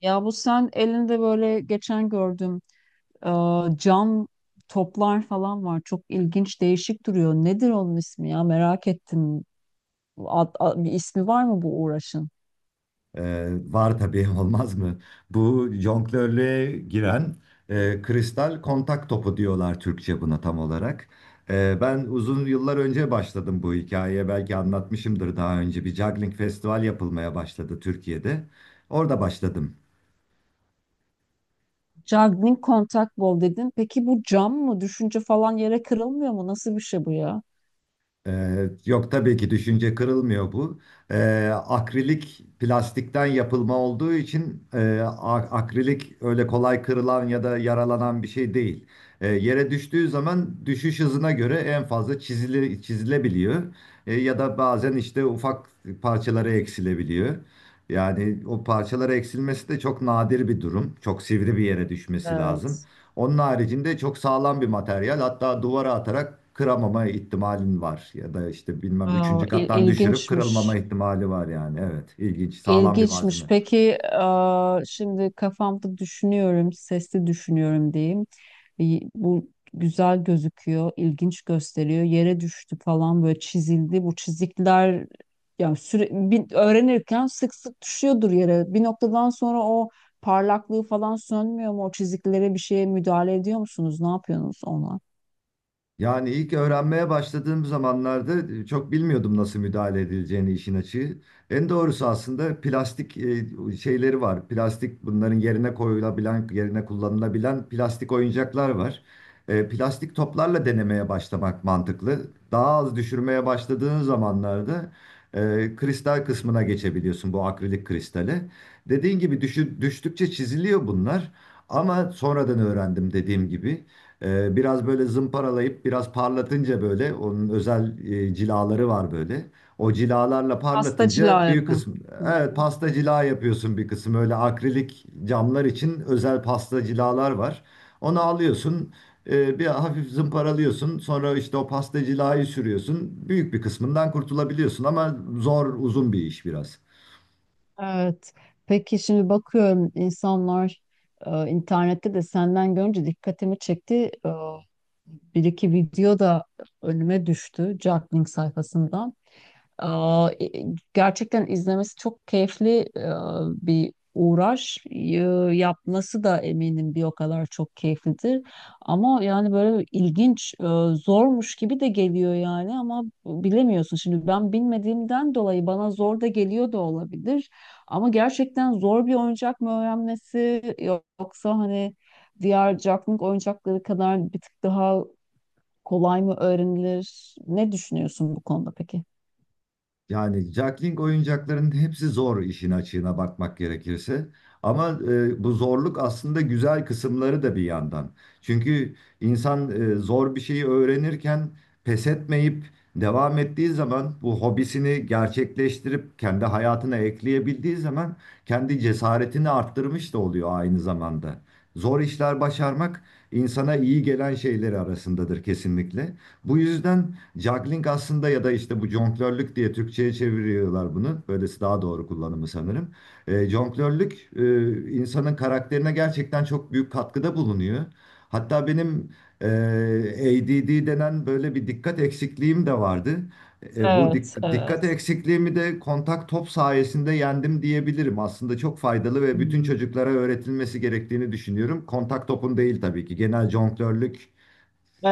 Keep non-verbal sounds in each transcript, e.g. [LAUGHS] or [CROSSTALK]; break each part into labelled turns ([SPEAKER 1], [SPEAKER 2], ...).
[SPEAKER 1] Ya bu sen elinde böyle geçen gördüm e, cam toplar falan var. Çok ilginç, değişik duruyor. Nedir onun ismi ya? Merak ettim. Bir ismi var mı bu uğraşın?
[SPEAKER 2] Ee, Var tabii [LAUGHS] olmaz mı? Bu jonglörlüğe giren kristal kontak topu diyorlar Türkçe buna tam olarak. Ben uzun yıllar önce başladım bu hikayeye. Belki anlatmışımdır daha önce. Bir juggling festival yapılmaya başladı Türkiye'de. Orada başladım.
[SPEAKER 1] Juggling contact ball dedin. Peki bu cam mı? Düşünce falan yere kırılmıyor mu? Nasıl bir şey bu ya?
[SPEAKER 2] Yok tabii ki düşünce kırılmıyor bu. Akrilik plastikten yapılma olduğu için akrilik öyle kolay kırılan ya da yaralanan bir şey değil. Yere düştüğü zaman düşüş hızına göre en fazla çizili, çizilebiliyor. Ya da bazen işte ufak parçalara eksilebiliyor. Yani o parçalara eksilmesi de çok nadir bir durum. Çok sivri bir yere düşmesi lazım.
[SPEAKER 1] Evet.
[SPEAKER 2] Onun haricinde çok sağlam bir materyal. Hatta duvara atarak kıramama ihtimalin var. Ya da işte bilmem
[SPEAKER 1] Aa,
[SPEAKER 2] üçüncü kattan düşürüp
[SPEAKER 1] ilginçmiş.
[SPEAKER 2] kırılmama ihtimali var yani. Evet, ilginç, sağlam bir
[SPEAKER 1] İlginçmiş.
[SPEAKER 2] malzeme.
[SPEAKER 1] Peki şimdi kafamda düşünüyorum, sesli düşünüyorum diyeyim. Bu güzel gözüküyor, ilginç gösteriyor. Yere düştü falan böyle çizildi. Bu çizikler yani öğrenirken sık sık düşüyordur yere. Bir noktadan sonra o parlaklığı falan sönmüyor mu? O çiziklere bir şeye müdahale ediyor musunuz? Ne yapıyorsunuz ona?
[SPEAKER 2] Yani ilk öğrenmeye başladığım zamanlarda çok bilmiyordum nasıl müdahale edileceğini işin açığı. En doğrusu aslında plastik şeyleri var. Plastik bunların yerine koyulabilen, yerine kullanılabilen plastik oyuncaklar var. Plastik toplarla denemeye başlamak mantıklı. Daha az düşürmeye başladığın zamanlarda kristal kısmına geçebiliyorsun bu akrilik kristale. Dediğin gibi düştükçe çiziliyor bunlar. Ama sonradan öğrendim dediğim gibi. Biraz böyle zımparalayıp biraz parlatınca böyle onun özel cilaları var böyle. O cilalarla
[SPEAKER 1] Hasta
[SPEAKER 2] parlatınca
[SPEAKER 1] cila
[SPEAKER 2] büyük
[SPEAKER 1] yapıyor.
[SPEAKER 2] kısmı, evet,
[SPEAKER 1] Hmm.
[SPEAKER 2] pasta cila yapıyorsun, bir kısım öyle. Akrilik camlar için özel pasta cilalar var. Onu alıyorsun, bir hafif zımparalıyorsun, sonra işte o pasta cilayı sürüyorsun, büyük bir kısmından kurtulabiliyorsun ama zor, uzun bir iş biraz.
[SPEAKER 1] Evet. Peki şimdi bakıyorum insanlar internette de senden görünce dikkatimi çekti. E, Bir iki video da önüme düştü Jacklink sayfasından. Aa, gerçekten izlemesi çok keyifli bir uğraş. Yapması da eminim bir o kadar çok keyiflidir. Ama yani böyle ilginç, zormuş gibi de geliyor yani ama bilemiyorsun. Şimdi ben bilmediğimden dolayı bana zor da geliyor da olabilir. Ama gerçekten zor bir oyuncak mı öğrenmesi yoksa hani diğer caklık oyuncakları kadar bir tık daha kolay mı öğrenilir? Ne düşünüyorsun bu konuda peki?
[SPEAKER 2] Yani Jackling oyuncaklarının hepsi zor, işin açığına bakmak gerekirse. Ama bu zorluk aslında güzel kısımları da bir yandan. Çünkü insan zor bir şeyi öğrenirken pes etmeyip devam ettiği zaman, bu hobisini gerçekleştirip kendi hayatına ekleyebildiği zaman kendi cesaretini arttırmış da oluyor aynı zamanda. Zor işler başarmak insana iyi gelen şeyleri arasındadır kesinlikle. Bu yüzden Juggling aslında, ya da işte bu jonglörlük diye Türkçe'ye çeviriyorlar bunu. Böylesi daha doğru kullanımı sanırım. Jonglörlük insanın karakterine gerçekten çok büyük katkıda bulunuyor. Hatta benim e, ADD denen böyle bir dikkat eksikliğim de vardı.
[SPEAKER 1] Evet,
[SPEAKER 2] Dikkat
[SPEAKER 1] evet.
[SPEAKER 2] eksikliğimi de kontak top sayesinde yendim diyebilirim. Aslında çok faydalı ve bütün
[SPEAKER 1] Hmm.
[SPEAKER 2] çocuklara öğretilmesi gerektiğini düşünüyorum. Kontak topun değil tabii ki, genel jonglörlük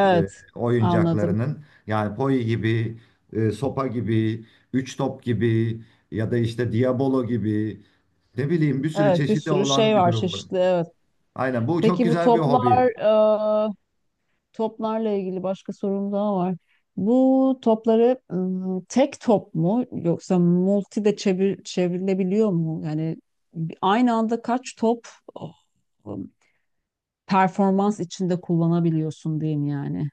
[SPEAKER 2] e,
[SPEAKER 1] anladım.
[SPEAKER 2] oyuncaklarının. Yani Poi gibi, sopa gibi, üç top gibi ya da işte Diabolo gibi, ne bileyim, bir sürü
[SPEAKER 1] Evet, bir
[SPEAKER 2] çeşidi
[SPEAKER 1] sürü şey
[SPEAKER 2] olan bir
[SPEAKER 1] var
[SPEAKER 2] durum bu.
[SPEAKER 1] çeşitli. Evet.
[SPEAKER 2] Aynen, bu çok
[SPEAKER 1] Peki bu
[SPEAKER 2] güzel bir hobi.
[SPEAKER 1] toplar, e, toplarla ilgili başka sorum daha var. Bu topları ım, tek top mu yoksa multi de çevrilebiliyor mu? Yani aynı anda kaç top oh, ım, performans içinde kullanabiliyorsun diyeyim yani.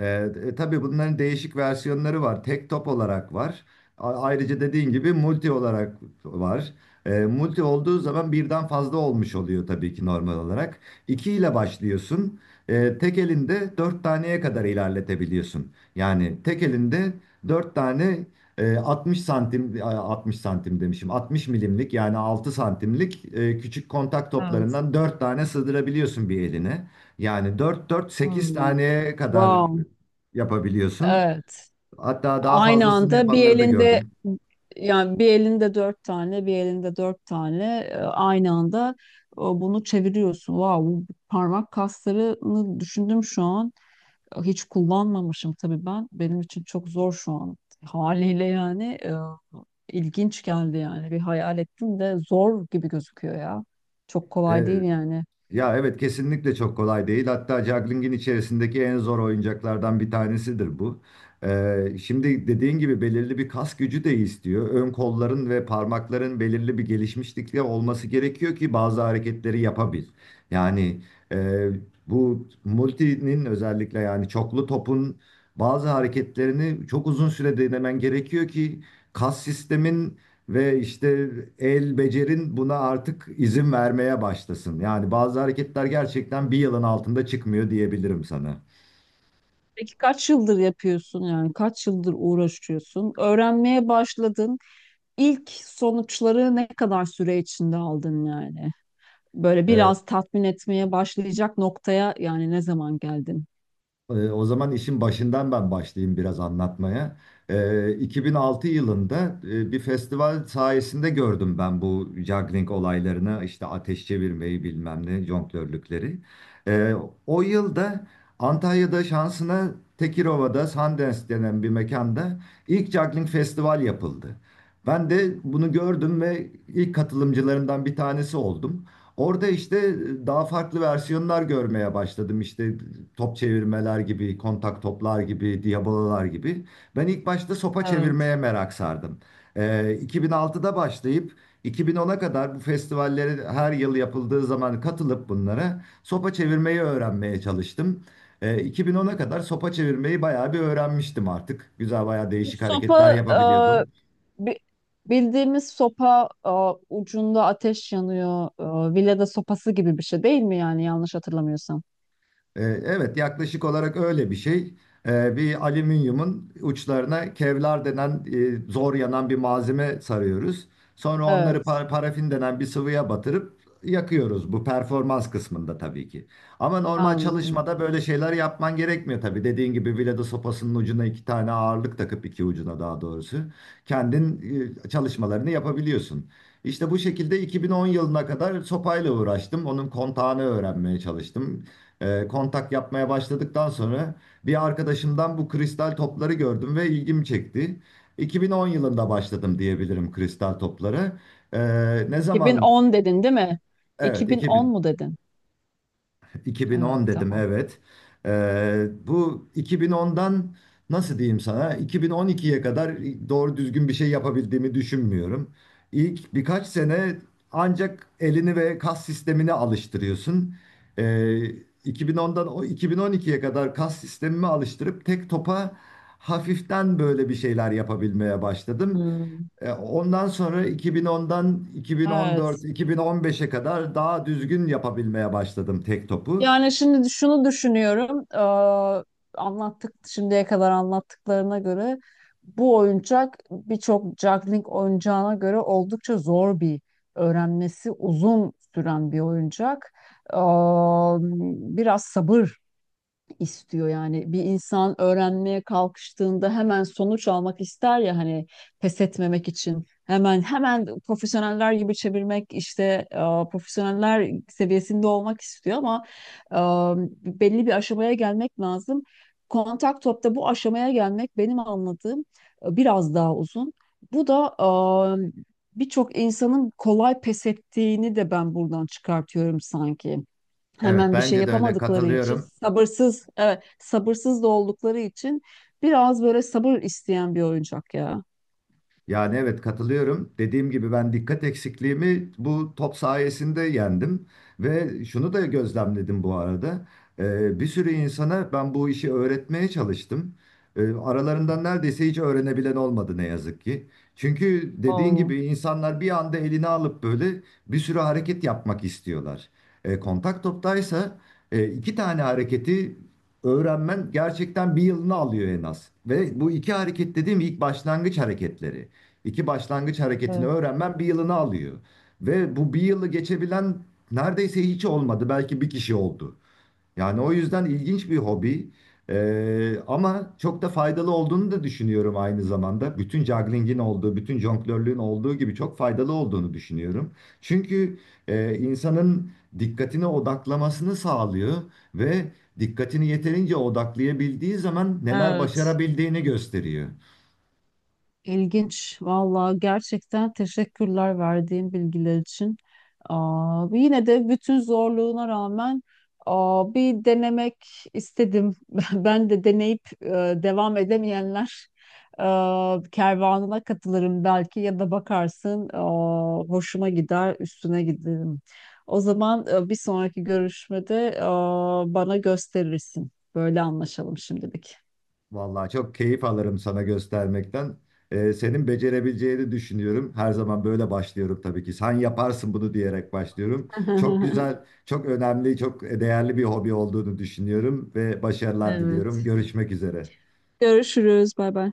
[SPEAKER 2] Tabii bunların değişik versiyonları var. Tek top olarak var. Ayrıca dediğin gibi multi olarak var. Multi olduğu zaman birden fazla olmuş oluyor tabii ki, normal olarak. İki ile başlıyorsun. Tek elinde dört taneye kadar ilerletebiliyorsun. Yani tek elinde dört tane, 60 santim, 60 santim demişim, 60 milimlik yani 6 santimlik, küçük kontak
[SPEAKER 1] Evet.
[SPEAKER 2] toplarından dört tane sığdırabiliyorsun bir eline. Yani dört dört sekiz
[SPEAKER 1] Hmm.
[SPEAKER 2] taneye kadar
[SPEAKER 1] Wow.
[SPEAKER 2] yapabiliyorsun.
[SPEAKER 1] Evet.
[SPEAKER 2] Hatta daha
[SPEAKER 1] Aynı
[SPEAKER 2] fazlasını
[SPEAKER 1] anda bir
[SPEAKER 2] yapanları da
[SPEAKER 1] elinde
[SPEAKER 2] gördüm.
[SPEAKER 1] yani bir elinde dört tane, bir elinde dört tane aynı anda bunu çeviriyorsun. Wow, bu parmak kaslarını düşündüm şu an. Hiç kullanmamışım tabii ben. Benim için çok zor şu an haliyle yani ilginç geldi yani. Bir hayal ettim de zor gibi gözüküyor ya. Çok kolay
[SPEAKER 2] E,
[SPEAKER 1] değil yani.
[SPEAKER 2] Ya evet, kesinlikle çok kolay değil. Hatta juggling'in içerisindeki en zor oyuncaklardan bir tanesidir bu. Şimdi dediğin gibi belirli bir kas gücü de istiyor. Ön kolların ve parmakların belirli bir gelişmişlikte olması gerekiyor ki bazı hareketleri yapabil. Yani e, bu multinin, özellikle yani çoklu topun, bazı hareketlerini çok uzun süre denemen gerekiyor ki kas sistemin ve işte el becerin buna artık izin vermeye başlasın. Yani bazı hareketler gerçekten bir yılın altında çıkmıyor diyebilirim sana.
[SPEAKER 1] Peki kaç yıldır yapıyorsun yani? Kaç yıldır uğraşıyorsun? Öğrenmeye başladın. İlk sonuçları ne kadar süre içinde aldın yani? Böyle
[SPEAKER 2] Ee,
[SPEAKER 1] biraz tatmin etmeye başlayacak noktaya yani ne zaman geldin?
[SPEAKER 2] O zaman işin başından ben başlayayım biraz anlatmaya. 2006 yılında bir festival sayesinde gördüm ben bu juggling olaylarını, işte ateş çevirmeyi bilmem ne, jonglörlükleri. Ee, O yılda Antalya'da, şansına Tekirova'da Sundance denen bir mekanda ilk juggling festival yapıldı. Ben de bunu gördüm ve ilk katılımcılarından bir tanesi oldum. Orada işte daha farklı versiyonlar görmeye başladım. İşte top çevirmeler gibi, kontak toplar gibi, diabolalar gibi. Ben ilk başta sopa
[SPEAKER 1] Evet.
[SPEAKER 2] çevirmeye merak sardım. 2006'da başlayıp 2010'a kadar bu festivallere her yıl yapıldığı zaman katılıp bunlara sopa çevirmeyi öğrenmeye çalıştım. 2010'a kadar sopa çevirmeyi bayağı bir öğrenmiştim artık. Güzel, bayağı
[SPEAKER 1] Bu
[SPEAKER 2] değişik hareketler
[SPEAKER 1] sopa
[SPEAKER 2] yapabiliyordum.
[SPEAKER 1] bi- bildiğimiz sopa ucunda ateş yanıyor. Villada sopası gibi bir şey değil mi yani yanlış hatırlamıyorsam?
[SPEAKER 2] Evet, yaklaşık olarak öyle bir şey. Bir alüminyumun uçlarına kevlar denen zor yanan bir malzeme sarıyoruz. Sonra onları
[SPEAKER 1] Evet.
[SPEAKER 2] parafin denen bir sıvıya batırıp yakıyoruz. Bu performans kısmında tabii ki. Ama normal
[SPEAKER 1] Anladım.
[SPEAKER 2] çalışmada böyle şeyler yapman gerekmiyor tabii. Dediğin gibi biledo sopasının ucuna iki tane ağırlık takıp, iki ucuna daha doğrusu, kendin çalışmalarını yapabiliyorsun. İşte bu şekilde 2010 yılına kadar sopayla uğraştım. Onun kontağını öğrenmeye çalıştım, kontak yapmaya başladıktan sonra bir arkadaşımdan bu kristal topları gördüm ve ilgimi çekti. 2010 yılında başladım diyebilirim kristal toplara. E, ne zaman?
[SPEAKER 1] 2010 dedin değil mi?
[SPEAKER 2] Evet,
[SPEAKER 1] 2010
[SPEAKER 2] 2000.
[SPEAKER 1] mu dedin? Evet,
[SPEAKER 2] 2010 dedim
[SPEAKER 1] tamam.
[SPEAKER 2] evet. Bu 2010'dan, nasıl diyeyim sana, 2012'ye kadar doğru düzgün bir şey yapabildiğimi düşünmüyorum. İlk birkaç sene ancak elini ve kas sistemini alıştırıyorsun. Ee, 2010'dan o 2012'ye kadar kas sistemimi alıştırıp tek topa hafiften böyle bir şeyler yapabilmeye başladım.
[SPEAKER 1] Hmm.
[SPEAKER 2] Ondan sonra 2010'dan 2014,
[SPEAKER 1] Evet.
[SPEAKER 2] 2015'e kadar daha düzgün yapabilmeye başladım tek topu.
[SPEAKER 1] Yani şimdi şunu düşünüyorum. Anlattık şimdiye kadar anlattıklarına göre bu oyuncak birçok juggling oyuncağına göre oldukça zor bir öğrenmesi uzun süren bir oyuncak. Eee, Biraz sabır istiyor yani bir insan öğrenmeye kalkıştığında hemen sonuç almak ister ya hani pes etmemek için hemen hemen profesyoneller gibi çevirmek işte e, profesyoneller seviyesinde olmak istiyor ama e, belli bir aşamaya gelmek lazım. Kontak topta bu aşamaya gelmek benim anladığım biraz daha uzun. Bu da e, birçok insanın kolay pes ettiğini de ben buradan çıkartıyorum sanki
[SPEAKER 2] Evet,
[SPEAKER 1] hemen bir şey
[SPEAKER 2] bence de öyle,
[SPEAKER 1] yapamadıkları için
[SPEAKER 2] katılıyorum.
[SPEAKER 1] sabırsız evet, sabırsız da oldukları için biraz böyle sabır isteyen bir oyuncak ya.
[SPEAKER 2] Yani evet, katılıyorum. Dediğim gibi, ben dikkat eksikliğimi bu top sayesinde yendim. Ve şunu da gözlemledim bu arada. Bir sürü insana ben bu işi öğretmeye çalıştım. Aralarından neredeyse hiç öğrenebilen olmadı ne yazık ki. Çünkü dediğin
[SPEAKER 1] Oo,
[SPEAKER 2] gibi insanlar bir anda elini alıp böyle bir sürü hareket yapmak istiyorlar. Kontak toptaysa iki tane hareketi öğrenmen gerçekten bir yılını alıyor en az. Ve bu iki hareket dediğim ilk başlangıç hareketleri. İki başlangıç hareketini
[SPEAKER 1] evet.
[SPEAKER 2] öğrenmen bir yılını alıyor. Ve bu bir yılı geçebilen neredeyse hiç olmadı. Belki bir kişi oldu. Yani o yüzden ilginç bir hobi. Ama çok da faydalı olduğunu da düşünüyorum aynı zamanda. Bütün juggling'in olduğu, bütün jonglörlüğün olduğu gibi çok faydalı olduğunu düşünüyorum. Çünkü insanın dikkatini odaklamasını sağlıyor ve dikkatini yeterince odaklayabildiği zaman neler
[SPEAKER 1] Evet.
[SPEAKER 2] başarabildiğini gösteriyor.
[SPEAKER 1] İlginç. Vallahi gerçekten teşekkürler verdiğin bilgiler için. Aa, yine de bütün zorluğuna rağmen aa, bir denemek istedim. [LAUGHS] Ben de deneyip devam edemeyenler kervanına katılırım belki ya da bakarsın aa, hoşuma gider üstüne giderim. O zaman bir sonraki görüşmede aa, bana gösterirsin. Böyle anlaşalım şimdilik.
[SPEAKER 2] Vallahi çok keyif alırım sana göstermekten. Senin becerebileceğini düşünüyorum. Her zaman böyle başlıyorum tabii ki. Sen yaparsın bunu diyerek başlıyorum. Çok
[SPEAKER 1] [LAUGHS]
[SPEAKER 2] güzel, çok önemli, çok değerli bir hobi olduğunu düşünüyorum ve başarılar diliyorum.
[SPEAKER 1] Evet.
[SPEAKER 2] Görüşmek üzere.
[SPEAKER 1] Görüşürüz. Bay bay.